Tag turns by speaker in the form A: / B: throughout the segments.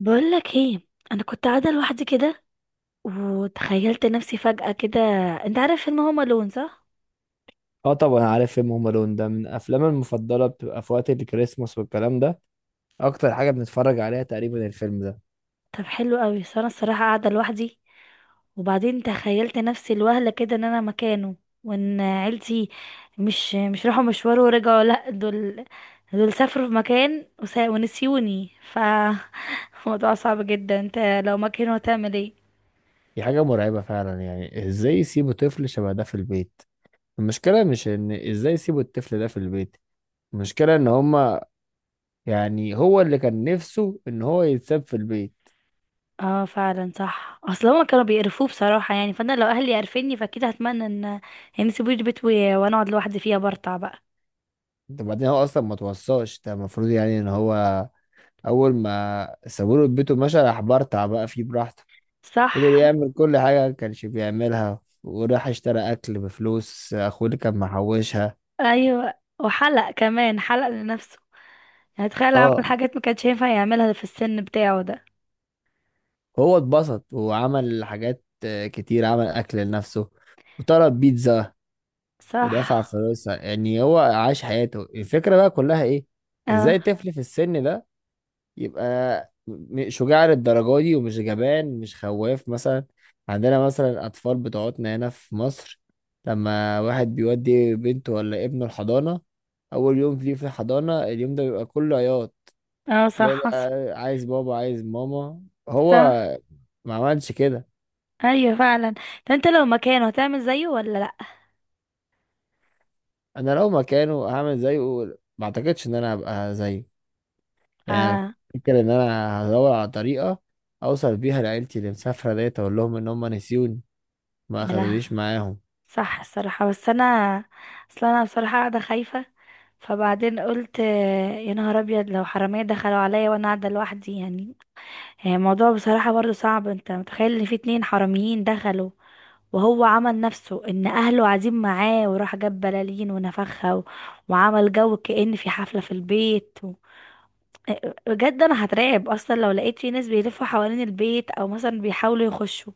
A: بقولك ايه؟ انا كنت قاعده لوحدي كده، وتخيلت نفسي فجاه كده. انت عارف فيلم هوم الون صح؟
B: اه، طبعا عارف فيلم هوم الون. ده من افلامي المفضله، بتبقى في وقت الكريسماس والكلام ده. اكتر حاجه بنتفرج عليها تقريبا الفيلم ده.
A: طب حلو قوي، بس انا الصراحه قاعده لوحدي، وبعدين تخيلت نفسي الوهله كده ان انا مكانه، وان عيلتي مش راحوا مشوار ورجعوا، لا، دول، دول سافروا في مكان ونسيوني، ف الموضوع صعب جدا. انت لو مكانه هتعمل ايه؟
B: دي حاجه مرعبه فعلا، يعني ازاي يسيبوا طفل شبه ده في البيت؟ المشكله مش ان ازاي يسيبوا الطفل ده في البيت، المشكله ان هما، يعني هو اللي كان نفسه ان هو يتساب في البيت.
A: اه فعلا، صح، اصل هما كانوا بيقرفوه بصراحة، يعني فانا لو اهلي عرفني فاكيد هتمنى ان يسيبوا لي البيت وانا اقعد لوحدي فيها برطع بقى.
B: ده بعدين هو اصلا ما توصاش، ده المفروض يعني ان هو اول ما سابوله بيته مشى راح برطع بقى فيه براحته. فضل
A: صح.
B: يعمل كل حاجة ما كانش بيعملها، وراح اشترى أكل بفلوس أخوه اللي كان محوشها.
A: ايوه، وحلق كمان، حلق لنفسه، يعني تخيل، عمل
B: اه،
A: حاجات ما كانش ينفع يعملها في السن بتاعه ده.
B: هو اتبسط وعمل حاجات كتير، عمل أكل لنفسه وطلب بيتزا ودفع
A: صح.
B: فلوسها. يعني هو عاش حياته. الفكرة بقى كلها إيه؟
A: اه.
B: إزاي طفل في السن ده يبقى شجاع للدرجة دي ومش جبان مش خواف مثلا؟ عندنا مثلا أطفال بتوعتنا هنا في مصر، لما واحد بيودي بنته ولا ابنه الحضانة، أول يوم ليه في الحضانة اليوم ده بيبقى كله عياط.
A: اه صح
B: تلاقي
A: حصل.
B: بقى عايز بابا عايز ماما. هو
A: صح.
B: ما عملش كده.
A: ايوه فعلا. ده انت لو مكانه هتعمل زيه ولا لا؟
B: أنا لو مكانه هعمل زيه. ما أعتقدش إن أنا هبقى زيه يعني.
A: اه.
B: فكر إن أنا هدور على طريقة أوصل بيها لعيلتي اللي مسافرة ديت، أقول لهم إن هم نسيوني ما
A: يا لهوي،
B: أخدونيش معاهم.
A: صح الصراحة، بس انا، اصل انا بصراحة قاعدة خايفة، فبعدين قلت آه، يا نهار ابيض، لو حرامية دخلوا عليا وانا قاعدة لوحدي يعني. الموضوع بصراحة برضو صعب، انت متخيل ان في اتنين حراميين دخلوا، وهو عمل نفسه ان اهله قاعدين معاه، وراح جاب بلالين ونفخها وعمل جو كأن في حفلة في البيت. بجد انا هترعب اصلا لو لقيت في ناس بيلفوا حوالين البيت، او مثلا بيحاولوا يخشوا،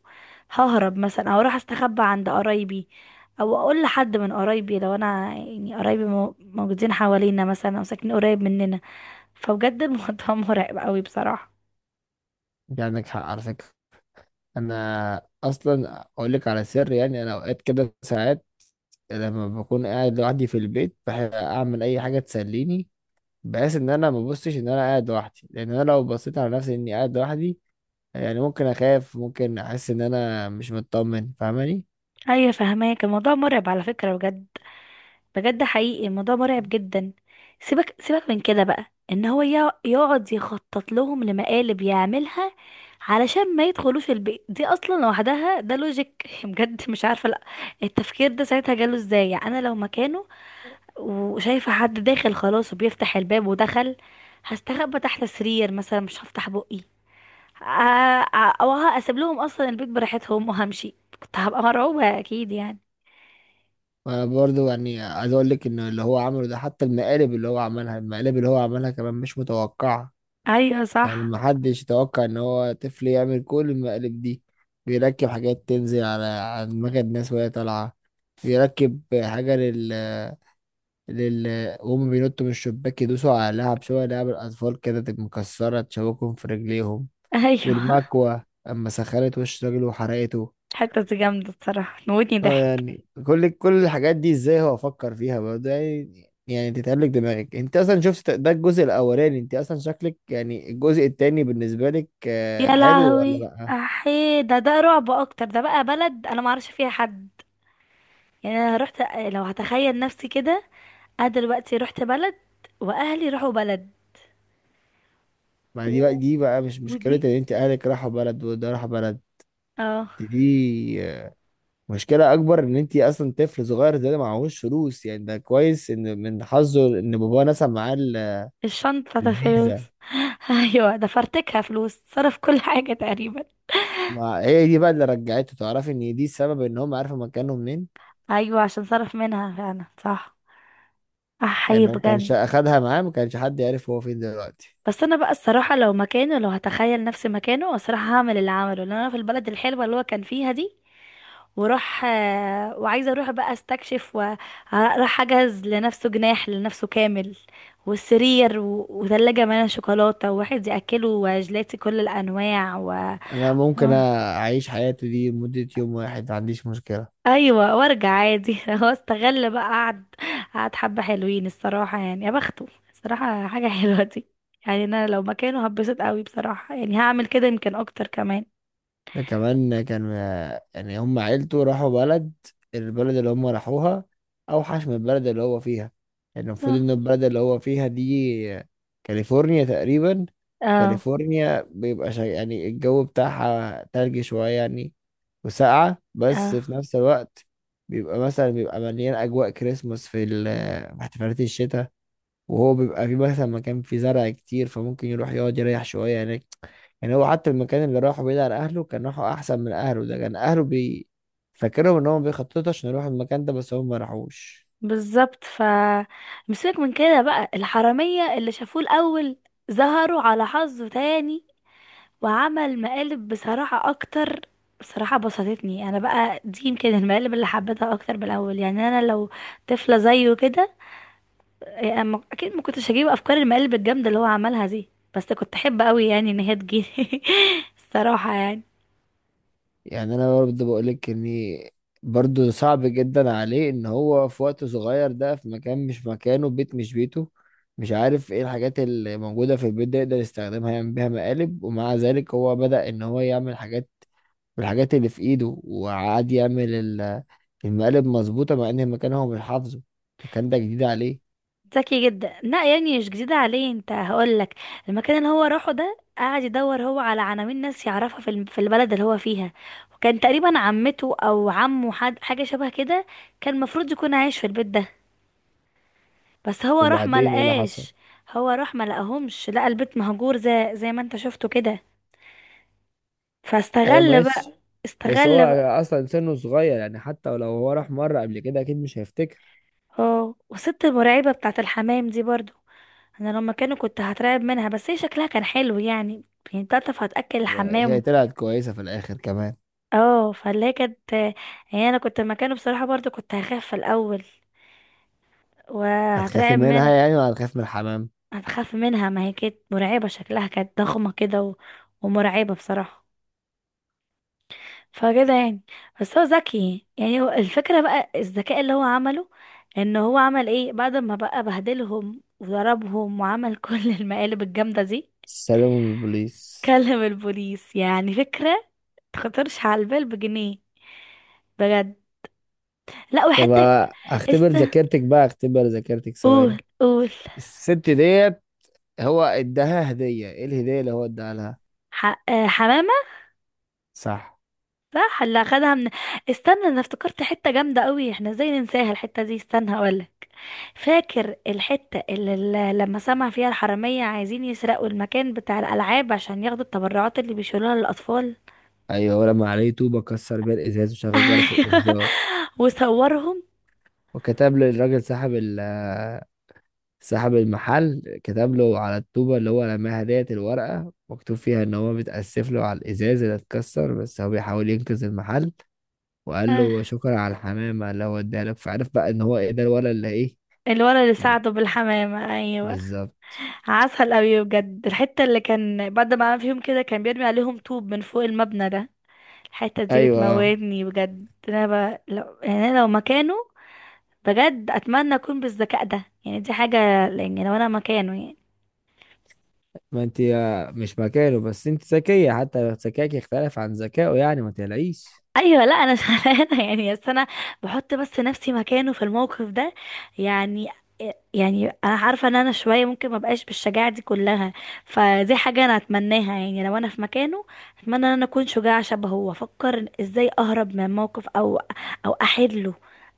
A: ههرب مثلا، او اروح استخبى عند قرايبي، او اقول لحد من قرايبي، لو انا يعني قرايبي موجودين حوالينا مثلا او ساكنين قريب مننا. فبجد الموضوع مرعب قوي بصراحة.
B: انت عندك حق على فكرة. انا اصلا اقول لك على سر، يعني انا اوقات كده ساعات لما بكون قاعد لوحدي في البيت بحب اعمل اي حاجة تسليني، بحيث ان انا ما ببصش ان انا قاعد لوحدي، لان انا لو بصيت على نفسي اني قاعد لوحدي، يعني ممكن اخاف ممكن احس ان انا مش مطمن. فاهماني؟
A: ايوه فهماك، الموضوع مرعب على فكرة بجد، بجد حقيقي الموضوع مرعب جدا. سيبك سيبك من كده بقى، ان هو يقعد يخطط لهم لمقالب يعملها علشان ما يدخلوش البيت، دي اصلا لوحدها ده لوجيك بجد مش عارفه، لا، التفكير ده ساعتها جاله ازاي؟ يعني انا لو مكانه وشايفه حد داخل خلاص وبيفتح الباب ودخل، هستخبى تحت السرير مثلا، مش هفتح بقي. او هسيب لهم اصلا البيت براحتهم وهمشي، كنت هبقى مرعوبه اكيد يعني.
B: وانا برضو يعني عايز اقول لك ان اللي هو عمله ده، حتى المقالب اللي هو عملها، المقالب اللي هو عملها كمان مش متوقعة.
A: ايوه
B: يعني
A: صح.
B: محدش يتوقع ان هو طفل يعمل كل المقالب دي. بيركب حاجات تنزل على دماغ الناس وهي طالعة. بيركب حاجة لل لل وهم بينطوا من الشباك يدوسوا على لعب، شوية لعب الأطفال كده تبقى مكسرة تشوكهم في رجليهم.
A: ايوه.
B: والمكوة أما سخنت وش راجل وحرقته.
A: الحتة دي جامدة الصراحة، موتني
B: اه،
A: ضحك.
B: يعني كل الحاجات دي ازاي هو افكر فيها بقى؟ ده يعني تتقلق دماغك. انت اصلا شفت ده الجزء الاولاني. انت اصلا شكلك يعني الجزء التاني بالنسبه لك
A: يا
B: حلو ولا
A: لهوي
B: لا؟
A: احي، ده رعب اكتر، ده بقى بلد انا ما اعرفش فيها حد، يعني انا رحت، لو هتخيل نفسي كده، انا دلوقتي رحت بلد، واهلي راحوا بلد
B: ما دي بقى
A: و...
B: دي بقى مش مشكله
A: ودي.
B: ان انت اهلك راحوا بلد وده راح بلد.
A: اه.
B: دي آه، مشكله اكبر ان انت اصلا طفل صغير زي ده معهوش فلوس، يعني ده كويس ان من حظه ان باباه نسى معاه
A: الشنطة، ده
B: الفيزا.
A: فلوس. ايوه ده فرتكها، فلوس صرف كل حاجة تقريبا.
B: ما هي دي بقى اللي رجعته، تعرفي ان دي السبب ان هم عارفوا مكانهم منين.
A: ايوه عشان صرف منها فعلا، صح،
B: يعني
A: احي
B: لو كانش
A: بجد.
B: اخدها معاه ما كانش حد يعرف هو فين دلوقتي.
A: بس انا بقى الصراحه، لو مكانه، لو هتخيل نفسي مكانه، الصراحه هعمل اللي عمله، لان انا في البلد الحلوه اللي هو كان فيها دي، وراح، وعايزه اروح بقى استكشف، وراح اجهز لنفسه جناح لنفسه كامل، والسرير، وثلاجه مليانه شوكولاته وواحد ياكله وجلاتي كل الانواع. و...
B: انا ممكن اعيش حياته دي مدة يوم واحد ما عنديش مشكلة.
A: ايوه وارجع عادي. هو استغل بقى، قعد حبه حلوين الصراحه، يعني يا بخته، الصراحه حاجه حلوه دي. يعني انا لو مكانه هتبسط قوي بصراحه، يعني هعمل كده يمكن اكتر كمان.
B: ده كمان كان، يعني هم عيلته راحوا بلد، البلد اللي هم راحوها اوحش من البلد اللي هو فيها. يعني المفروض
A: صح.
B: ان البلد اللي هو فيها دي كاليفورنيا تقريبا.
A: اه.
B: كاليفورنيا بيبقى يعني الجو بتاعها تلج شوية يعني، وساقعة بس
A: اه
B: في نفس الوقت. بيبقى مثلا بيبقى مليان أجواء كريسماس في في احتفالات الشتاء. وهو بيبقى في مثلا مكان فيه زرع كتير فممكن يروح يقعد يريح شوية هناك. يعني هو حتى المكان اللي راحه بعيد عن أهله كان راحه أحسن من أهله، ده كان أهله فاكرهم إن هم بيخططوا عشان يروحوا المكان ده بس هم ما راحوش.
A: بالظبط. مسيبك من كده بقى، الحراميه اللي شافوه الاول ظهروا على حظه تاني، وعمل مقالب بصراحه اكتر. بصراحة بسطتني أنا بقى، دي يمكن المقالب اللي حبيتها أكتر بالأول. يعني أنا لو طفلة زيه كده، أما اكيد ما كنتش هجيب افكار المقالب الجامده اللي هو عملها دي، بس كنت احب قوي يعني ان هي تجيلي الصراحه يعني.
B: يعني أنا برضه بقولك إني برضه صعب جدا عليه إن هو في وقت صغير ده، في مكان مش مكانه، بيت مش بيته، مش عارف إيه الحاجات اللي موجودة في البيت ده يقدر يستخدمها يعمل بيها مقالب، ومع ذلك هو بدأ إن هو يعمل حاجات بالحاجات اللي في ايده، وقعد يعمل المقالب مظبوطة مع ان المكان هو مش حافظه. المكان ده جديد عليه.
A: ذكي جدا. لا يعني مش جديده عليه، انت هقول لك، المكان اللي هو راحه ده قعد يدور هو على عناوين ناس يعرفها في في البلد اللي هو فيها، وكان تقريبا عمته او عمه، حد حاجه شبه كده، كان المفروض يكون عايش في البيت ده، بس هو راح ما
B: وبعدين ايه اللي حصل؟
A: لقاش. هو راح ما لقاهمش، لقى البيت مهجور، زي ما انت شفته كده،
B: ايوه
A: فاستغل بقى.
B: ماشي. بس هو
A: استغل.
B: اصلا سنه صغير، يعني حتى لو هو راح مره قبل كده اكيد مش هيفتكر.
A: اه والست المرعبة بتاعة الحمام دي برضو، انا لما كانوا، كنت هترعب منها، بس هي شكلها كان حلو يعني، يعني بتعرف هتأكل
B: وهي
A: الحمام.
B: طلعت كويسة في الآخر كمان.
A: اه فاللي هي كانت، يعني انا كنت مكانه بصراحة برضو كنت هخاف في الاول
B: هتخافي
A: وهترعب
B: منها
A: منها.
B: يعني ولا هتخاف من الحمام؟
A: هتخاف منها، ما هي كانت مرعبة، شكلها كانت ضخمة كده ومرعبة بصراحة، فكده يعني. بس هو ذكي، يعني هو الفكرة بقى الذكاء اللي هو عمله، ان هو عمل ايه بعد ما بقى بهدلهم وضربهم وعمل كل المقالب الجامدة دي؟
B: سلام من البوليس.
A: كلم البوليس، يعني فكرة تخطرش على البال بجنيه، بجد. لا
B: طب
A: وحتى.
B: اختبر
A: است
B: ذاكرتك بقى، اختبر ذاكرتك ثواني.
A: قول قول.
B: الست ديت، هو اداها هدية ايه؟ الهدية اللي هو اداها لها.
A: ح... آه، حمامة.
B: صح.
A: صح. اللي اخدها من، استنى، انا افتكرت حتة جامدة قوي، احنا ازاي ننساها الحتة دي؟ استنى هقولك. فاكر الحتة اللي لما سمع فيها الحرامية عايزين يسرقوا المكان بتاع الألعاب عشان ياخدوا التبرعات اللي بيشيلوها للأطفال؟
B: ايوه ولما عليه طوبه كسر بيها الازاز وشغل جرس
A: ايوه،
B: الانذار.
A: وصورهم.
B: وكتب للراجل صاحب المحل. كتب له على الطوبه اللي هو رماها ديت الورقه مكتوب فيها ان هو بيتاسف له على الازاز اللي اتكسر، بس هو بيحاول ينقذ المحل. وقال
A: آه،
B: له شكرا على الحمامه اللي هو اداها لك، فعرف بقى ان هو ايه ده الولد اللي ايه.
A: الولد اللي ساعده بالحمامة، ايوه.
B: بالظبط.
A: عسل قوي بجد. الحتة اللي كان بعد ما عمل فيهم كده كان بيرمي عليهم طوب من فوق المبنى ده، الحتة دي
B: ايوه آه.
A: بتموتني بجد. انا يعني أنا لو مكانه، بجد اتمنى اكون بالذكاء ده، يعني دي حاجة، يعني لو انا مكانه يعني.
B: ما انت مش مكانه، بس انت ذكيه، حتى ذكائك يختلف عن ذكائه، يعني ما تقلقيش.
A: ايوه لا انا شغلانه يعني، بس انا بحط بس نفسي مكانه في الموقف ده، يعني يعني انا عارفه ان انا شويه ممكن ما بقاش بالشجاعه دي كلها، فدي حاجه انا اتمناها يعني، لو انا في مكانه اتمنى ان انا اكون شجاعه شبهه، وافكر ازاي اهرب من موقف، او او احله،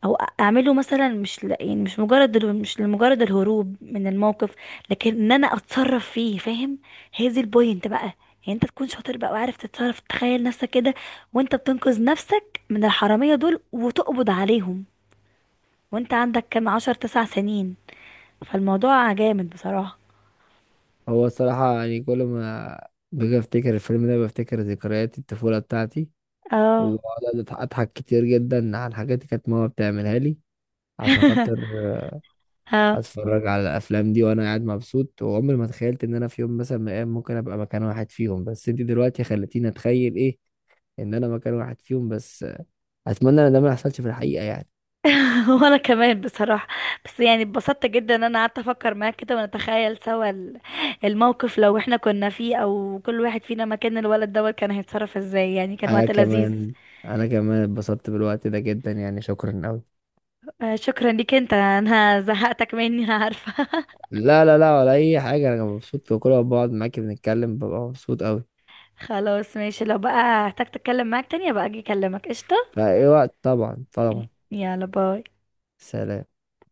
A: او اعمله مثلا، مش ل... يعني مش مجرد ال- مش لمجرد الهروب من الموقف، لكن ان انا اتصرف فيه، فاهم؟ هي دي البوينت بقى، يعني انت تكون شاطر بقى وعارف تتصرف، تخيل نفسك كده وانت بتنقذ نفسك من الحرامية دول وتقبض عليهم، وانت عندك كام، عشر تسع سنين، فالموضوع جامد بصراحة.
B: هو الصراحة يعني كل ما باجي افتكر الفيلم ده بفتكر ذكريات الطفولة بتاعتي،
A: اه.
B: وبقعد اضحك كتير جدا على الحاجات اللي كانت ماما بتعملها لي عشان خاطر
A: اه.
B: اتفرج على الافلام دي وانا قاعد مبسوط. وعمري ما تخيلت ان انا في يوم مثلا من الايام ممكن ابقى مكان واحد فيهم، بس انت دلوقتي خلتيني اتخيل ايه؟ ان انا مكان واحد فيهم بس. اتمنى ان ده ما يحصلش في الحقيقة يعني.
A: وانا كمان بصراحة، بس يعني اتبسطت جدا ان انا قعدت افكر معاك كده، ونتخيل سوا الموقف لو احنا كنا فيه، او كل واحد فينا مكان الولد دوت كان هيتصرف ازاي، يعني كان
B: انا
A: وقت لذيذ.
B: كمان انا كمان اتبسطت بالوقت ده جدا، يعني شكرا أوي.
A: شكرا ليك انت، انا زهقتك مني أنا عارفة.
B: لا لا لا، ولا اي حاجه، انا مبسوط في كل ما بقعد معاكي بنتكلم ببقى مبسوط قوي.
A: خلاص ماشي، لو بقى احتاج اتكلم معاك تاني بقى اجي اكلمك، قشطة.
B: فاي وقت، طبعا طبعا.
A: يلا باي.
B: سلام.